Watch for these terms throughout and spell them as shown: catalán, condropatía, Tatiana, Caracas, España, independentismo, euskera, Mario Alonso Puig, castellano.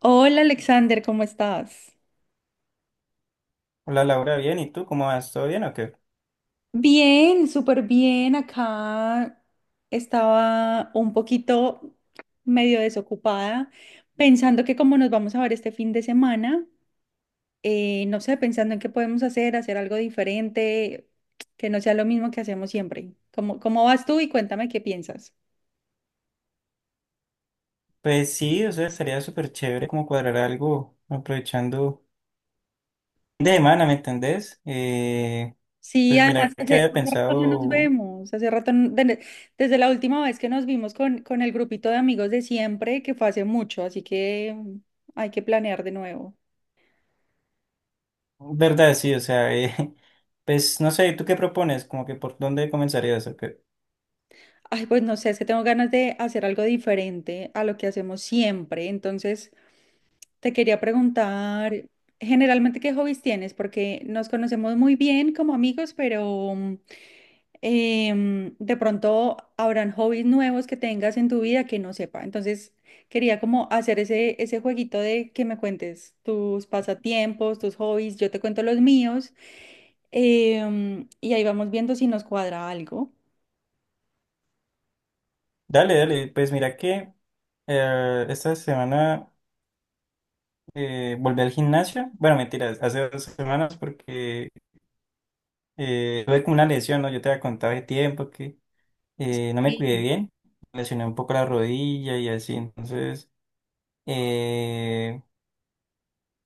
Hola Alexander, ¿cómo estás? Hola Laura, bien, ¿y tú cómo vas? ¿Todo bien o qué? Bien, súper bien. Acá estaba un poquito medio desocupada, pensando que como nos vamos a ver este fin de semana, no sé, pensando en qué podemos hacer, hacer algo diferente, que no sea lo mismo que hacemos siempre. ¿Cómo vas tú y cuéntame qué piensas? Pues sí, o sea, sería súper chévere como cuadrar algo aprovechando de semana, ¿me entendés? Sí, Pues mira además que hace, que había hace rato no nos pensado, vemos, hace rato, desde la última vez que nos vimos con el grupito de amigos de siempre, que fue hace mucho, así que hay que planear de nuevo. verdad, sí, o sea, pues no sé, ¿tú qué propones? ¿Como que por dónde comenzarías o qué? Ay, pues no sé, es que tengo ganas de hacer algo diferente a lo que hacemos siempre, entonces te quería preguntar, generalmente, ¿qué hobbies tienes? Porque nos conocemos muy bien como amigos, pero... mm, em, de pronto habrán hobbies nuevos que tengas en tu vida que no sepa. Entonces, quería como hacer ese jueguito de que me cuentes tus pasatiempos, tus hobbies, yo te cuento los míos, y ahí vamos viendo si nos cuadra algo. Dale, dale, pues mira que esta semana volví al gimnasio. Bueno, mentira, hace 2 semanas, porque tuve como una lesión, ¿no? Yo te había contado de tiempo que no me cuidé Sí, bien, lesioné un poco la rodilla y así. Entonces, eh,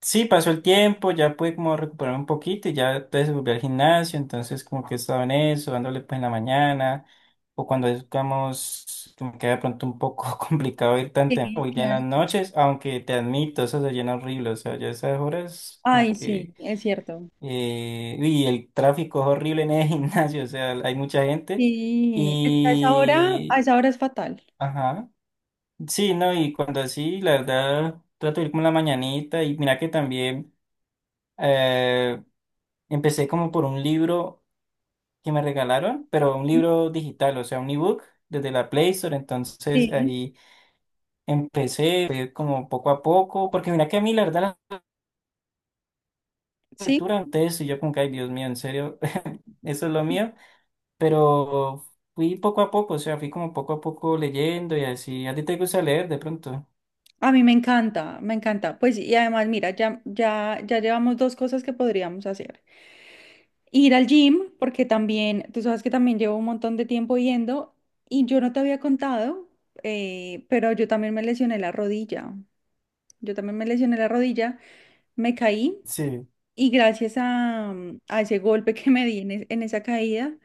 sí, pasó el tiempo, ya pude como recuperarme un poquito y ya entonces volví al gimnasio. Entonces, como que estaba en eso, dándole pues en la mañana, o cuando es, digamos, como que de pronto un poco complicado ir tan sí, temprano, voy ya en claro. las noches, aunque te admito, eso se llena horrible, o sea, ya esas horas como Ay, sí, que, es cierto. Y el tráfico es horrible en el gimnasio, o sea, hay mucha gente Sí, es que a y... esa hora es fatal. Ajá. Sí, no, y cuando así, la verdad, trato de ir como en la mañanita. Y mira que también eh, empecé como por un libro que me regalaron, pero un libro digital, o sea, un ebook desde la Play Store. Entonces Sí, ahí empecé fue como poco a poco, porque mira que a mí la verdad la sí. lectura, ustedes y yo como que, ay Dios mío, en serio, eso es lo mío, pero fui poco a poco, o sea, fui como poco a poco leyendo y así. ¿A ti te gusta leer de pronto? A mí me encanta, me encanta. Pues y además, mira, ya, ya, ya llevamos dos cosas que podríamos hacer. Ir al gym, porque también, tú sabes que también llevo un montón de tiempo yendo y yo no te había contado, pero yo también me lesioné la rodilla. Yo también me lesioné la rodilla, me caí Sí. y gracias a, a ese golpe que me di en, en esa caída,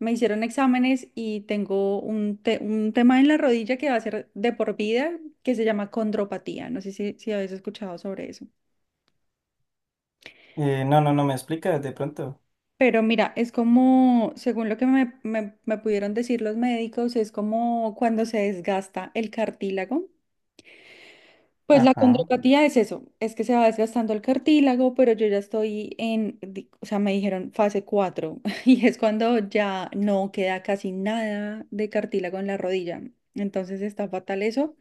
me hicieron exámenes y tengo un tema en la rodilla que va a ser de por vida, que se llama condropatía. No sé si, si habéis escuchado sobre eso. No, no, no me explicas de pronto. Pero mira, es como, según lo que me pudieron decir los médicos, es como cuando se desgasta el cartílago. Pues la Ajá. condropatía es eso, es que se va desgastando el cartílago, pero yo ya estoy en, o sea, me dijeron fase 4 y es cuando ya no queda casi nada de cartílago en la rodilla. Entonces está fatal eso,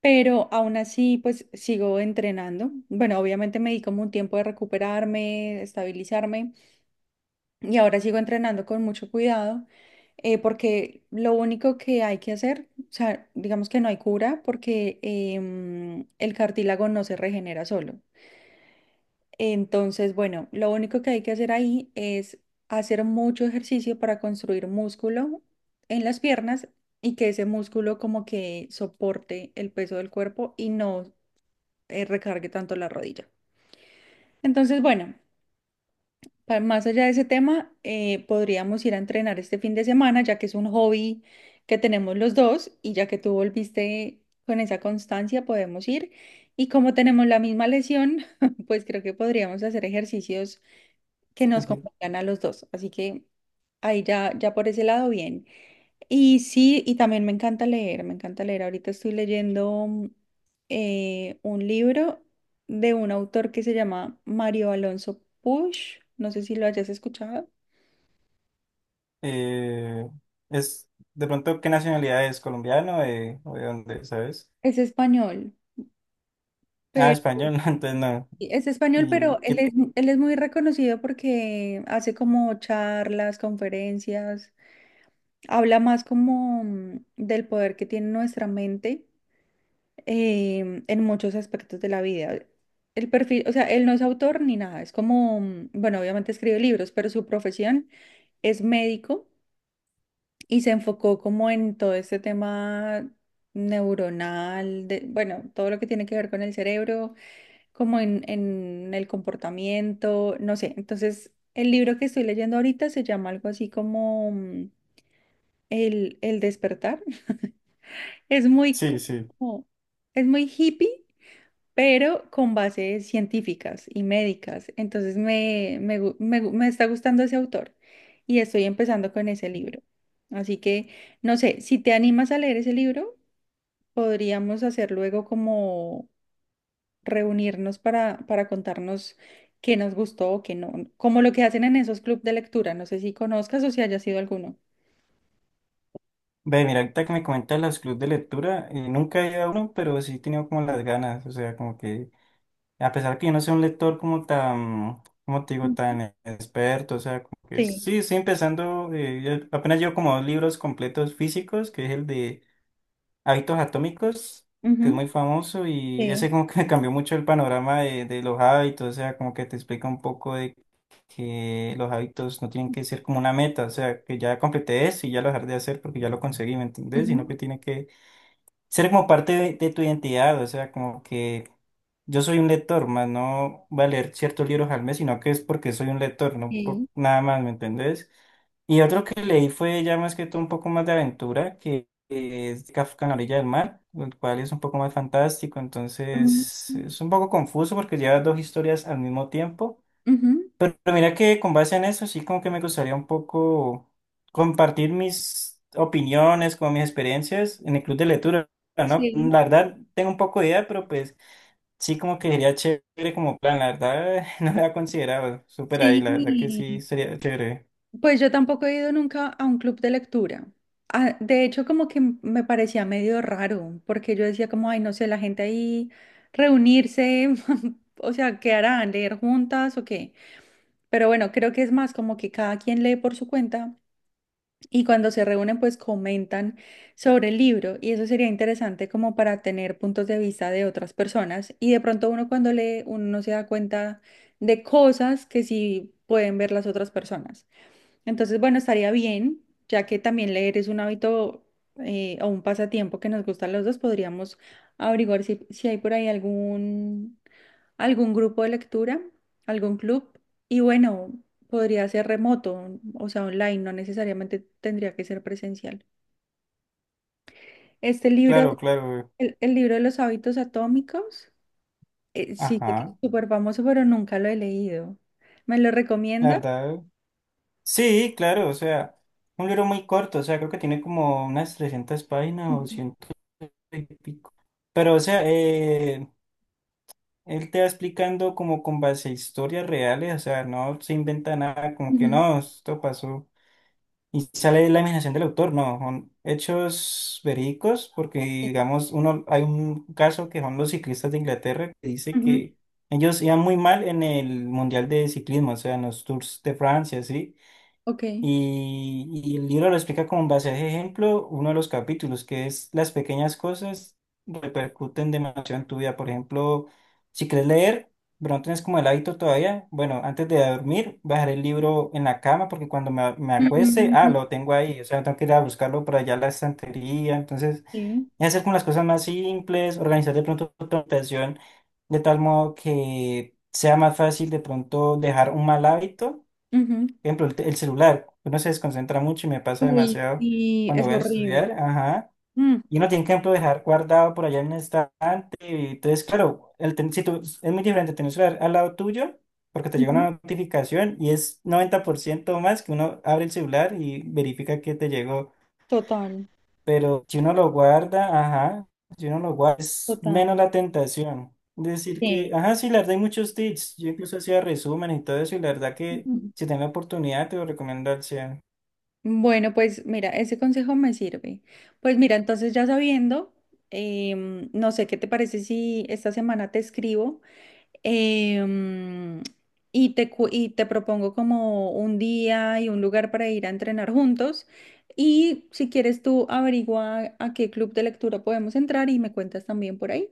pero aún así pues sigo entrenando. Bueno, obviamente me di como un tiempo de recuperarme, estabilizarme y ahora sigo entrenando con mucho cuidado, porque lo único que hay que hacer, o sea, digamos que no hay cura porque el cartílago no se regenera solo. Entonces, bueno, lo único que hay que hacer ahí es hacer mucho ejercicio para construir músculo en las piernas y que ese músculo como que soporte el peso del cuerpo y no recargue tanto la rodilla. Entonces, bueno. Más allá de ese tema, podríamos ir a entrenar este fin de semana, ya que es un hobby que tenemos los dos y ya que tú volviste con esa constancia, podemos ir. Y como tenemos la misma lesión, pues creo que podríamos hacer ejercicios que nos Ujú. convengan a los dos. Así que ahí ya, ya por ese lado, bien. Y sí, y también me encanta leer, me encanta leer. Ahorita estoy leyendo un libro de un autor que se llama Mario Alonso Puig. No sé si lo hayas escuchado. Eh, es de pronto qué nacionalidad es, ¿colombiano o de dónde, sabes? Es español, Ah, pero español, no, entonces no. sí, es español, Y pero qué, él es muy reconocido porque hace como charlas, conferencias, habla más como del poder que tiene nuestra mente en muchos aspectos de la vida. El perfil, o sea, él no es autor ni nada, es como, bueno, obviamente escribe libros, pero su profesión es médico y se enfocó como en todo este tema neuronal, de, bueno, todo lo que tiene que ver con el cerebro, como en el comportamiento, no sé. Entonces, el libro que estoy leyendo ahorita se llama algo así como el despertar. Es muy sí, sí. como, es muy hippie pero con bases científicas y médicas. Entonces me está gustando ese autor y estoy empezando con ese libro. Así que, no sé, si te animas a leer ese libro, podríamos hacer luego como reunirnos para contarnos qué nos gustó o qué no, como lo que hacen en esos clubes de lectura. No sé si conozcas o si hayas sido alguno. Ve, mira, ahorita que me comentas los clubes de lectura, nunca he ido a uno, pero sí he tenido como las ganas. O sea, como que, a pesar que yo no soy un lector como tan, como te digo, Mm. tan experto, o sea, como que Sí. sí, sí empezando, ya- apenas llevo como dos libros completos físicos, que es el de Hábitos Atómicos, que es Ujú. muy famoso, y Sí. ese como que me cambió mucho el panorama de los hábitos. O sea, como que te explica un poco de que los hábitos no tienen que ser como una meta, o sea, que ya completé eso y ya lo dejar de hacer porque ya lo conseguí, ¿me entendés? Sino que Ujú. tiene que ser como parte de tu identidad. O sea, como que yo soy un lector, más no voy a leer ciertos libros al mes, sino que es porque soy un lector, no por Sí. nada más, ¿me entendés? Y otro que leí fue ya más que todo un poco más de aventura, que es Kafka en la orilla del mar, el cual es un poco más fantástico, Ujú. entonces es un poco confuso porque lleva dos historias al mismo tiempo. Ujú. Pero mira que con base en eso sí como que me gustaría un poco compartir mis opiniones, como mis experiencias en el club de lectura, ¿no? Sí. La verdad tengo un poco de idea, pero pues sí, como que sería chévere como plan. La verdad no lo había considerado, súper ahí, la verdad que Sí. sí sería chévere. Pues yo tampoco he ido nunca a un club de lectura. Ah, de hecho, como que me parecía medio raro, porque yo decía como, ay, no sé, la gente ahí reunirse, o sea, ¿qué harán? ¿Leer juntas o qué? Pero bueno, creo que es más como que cada quien lee por su cuenta y cuando se reúnen, pues comentan sobre el libro y eso sería interesante como para tener puntos de vista de otras personas y de pronto uno cuando lee, uno no se da cuenta de cosas que sí pueden ver las otras personas. Entonces, bueno, estaría bien, ya que también leer es un hábito o un pasatiempo que nos gusta a los dos, podríamos averiguar si, si hay por ahí algún, algún grupo de lectura, algún club. Y bueno, podría ser remoto, o sea, online, no necesariamente tendría que ser presencial. Este libro, Claro, claro. El libro de los hábitos atómicos, sí que es Ajá, súper famoso, pero nunca lo he leído. ¿Me lo la recomienda? verdad. Sí, claro, o sea, un libro muy corto, o sea, creo que tiene como unas 300 páginas o Ujú, ciento y pico. Pero, o sea, él te va explicando como con base a historias reales, o sea, no se inventa nada, como que ujú, no, esto pasó. Y sale la imaginación del autor, no, son hechos verídicos. Porque digamos, uno, hay un caso que son los ciclistas de Inglaterra, que dice ujú, que ellos iban muy mal en el Mundial de Ciclismo, o sea, en los Tours de Francia, ¿sí? ok. Y el libro lo explica con base a ese ejemplo, uno de los capítulos, que es las pequeñas cosas repercuten demasiado en tu vida. Por ejemplo, si quieres leer, pero no tienes como el hábito todavía, bueno, antes de dormir, bajar el libro en la cama, porque cuando me acueste, ah, Mm, lo tengo ahí, o sea, no tengo que ir a buscarlo por allá a la estantería. Entonces, sí. es hacer como las cosas más simples, organizar de pronto tu habitación de tal modo que sea más fácil de pronto dejar un mal hábito. Ujú. Ejemplo, el, te- el celular, uno se desconcentra mucho y me pasa Uy, demasiado sí, cuando es voy a horrible. estudiar, ajá, Mm. y uno tiene que, por ejemplo, dejar guardado por allá en el estante. Y entonces, claro, el ten- si tú- es muy diferente tener el celular al lado tuyo, porque te llega Ujú. una notificación y es 90% más que uno abre el celular y verifica que te llegó. Total, Pero si uno lo guarda, ajá, si uno lo guarda, es total. menos la tentación. Decir Sí. que, ajá, sí, la verdad hay muchos tips. Yo incluso hacía resumen y todo eso, y la verdad que Ujú. si tengo oportunidad te lo recomiendo al 100. Bueno, pues mira, ese consejo me sirve. Pues mira, entonces ya sabiendo, no sé qué te parece si esta semana te escribo em, y te, y te propongo como un día y un lugar para ir a entrenar juntos. Y si quieres tú averigua a qué club de lectura podemos entrar y me cuentas también por ahí.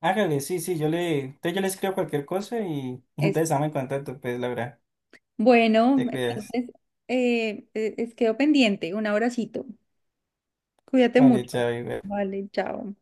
Hágale, sí, sí, yo le, entonces yo le escribo cualquier cosa y entonces estamos en contacto. Pues, Laura, Bueno, te cuidas. entonces es quedo pendiente. Un abracito. Cuídate Vale, mucho. chao. Y- Vale, chao.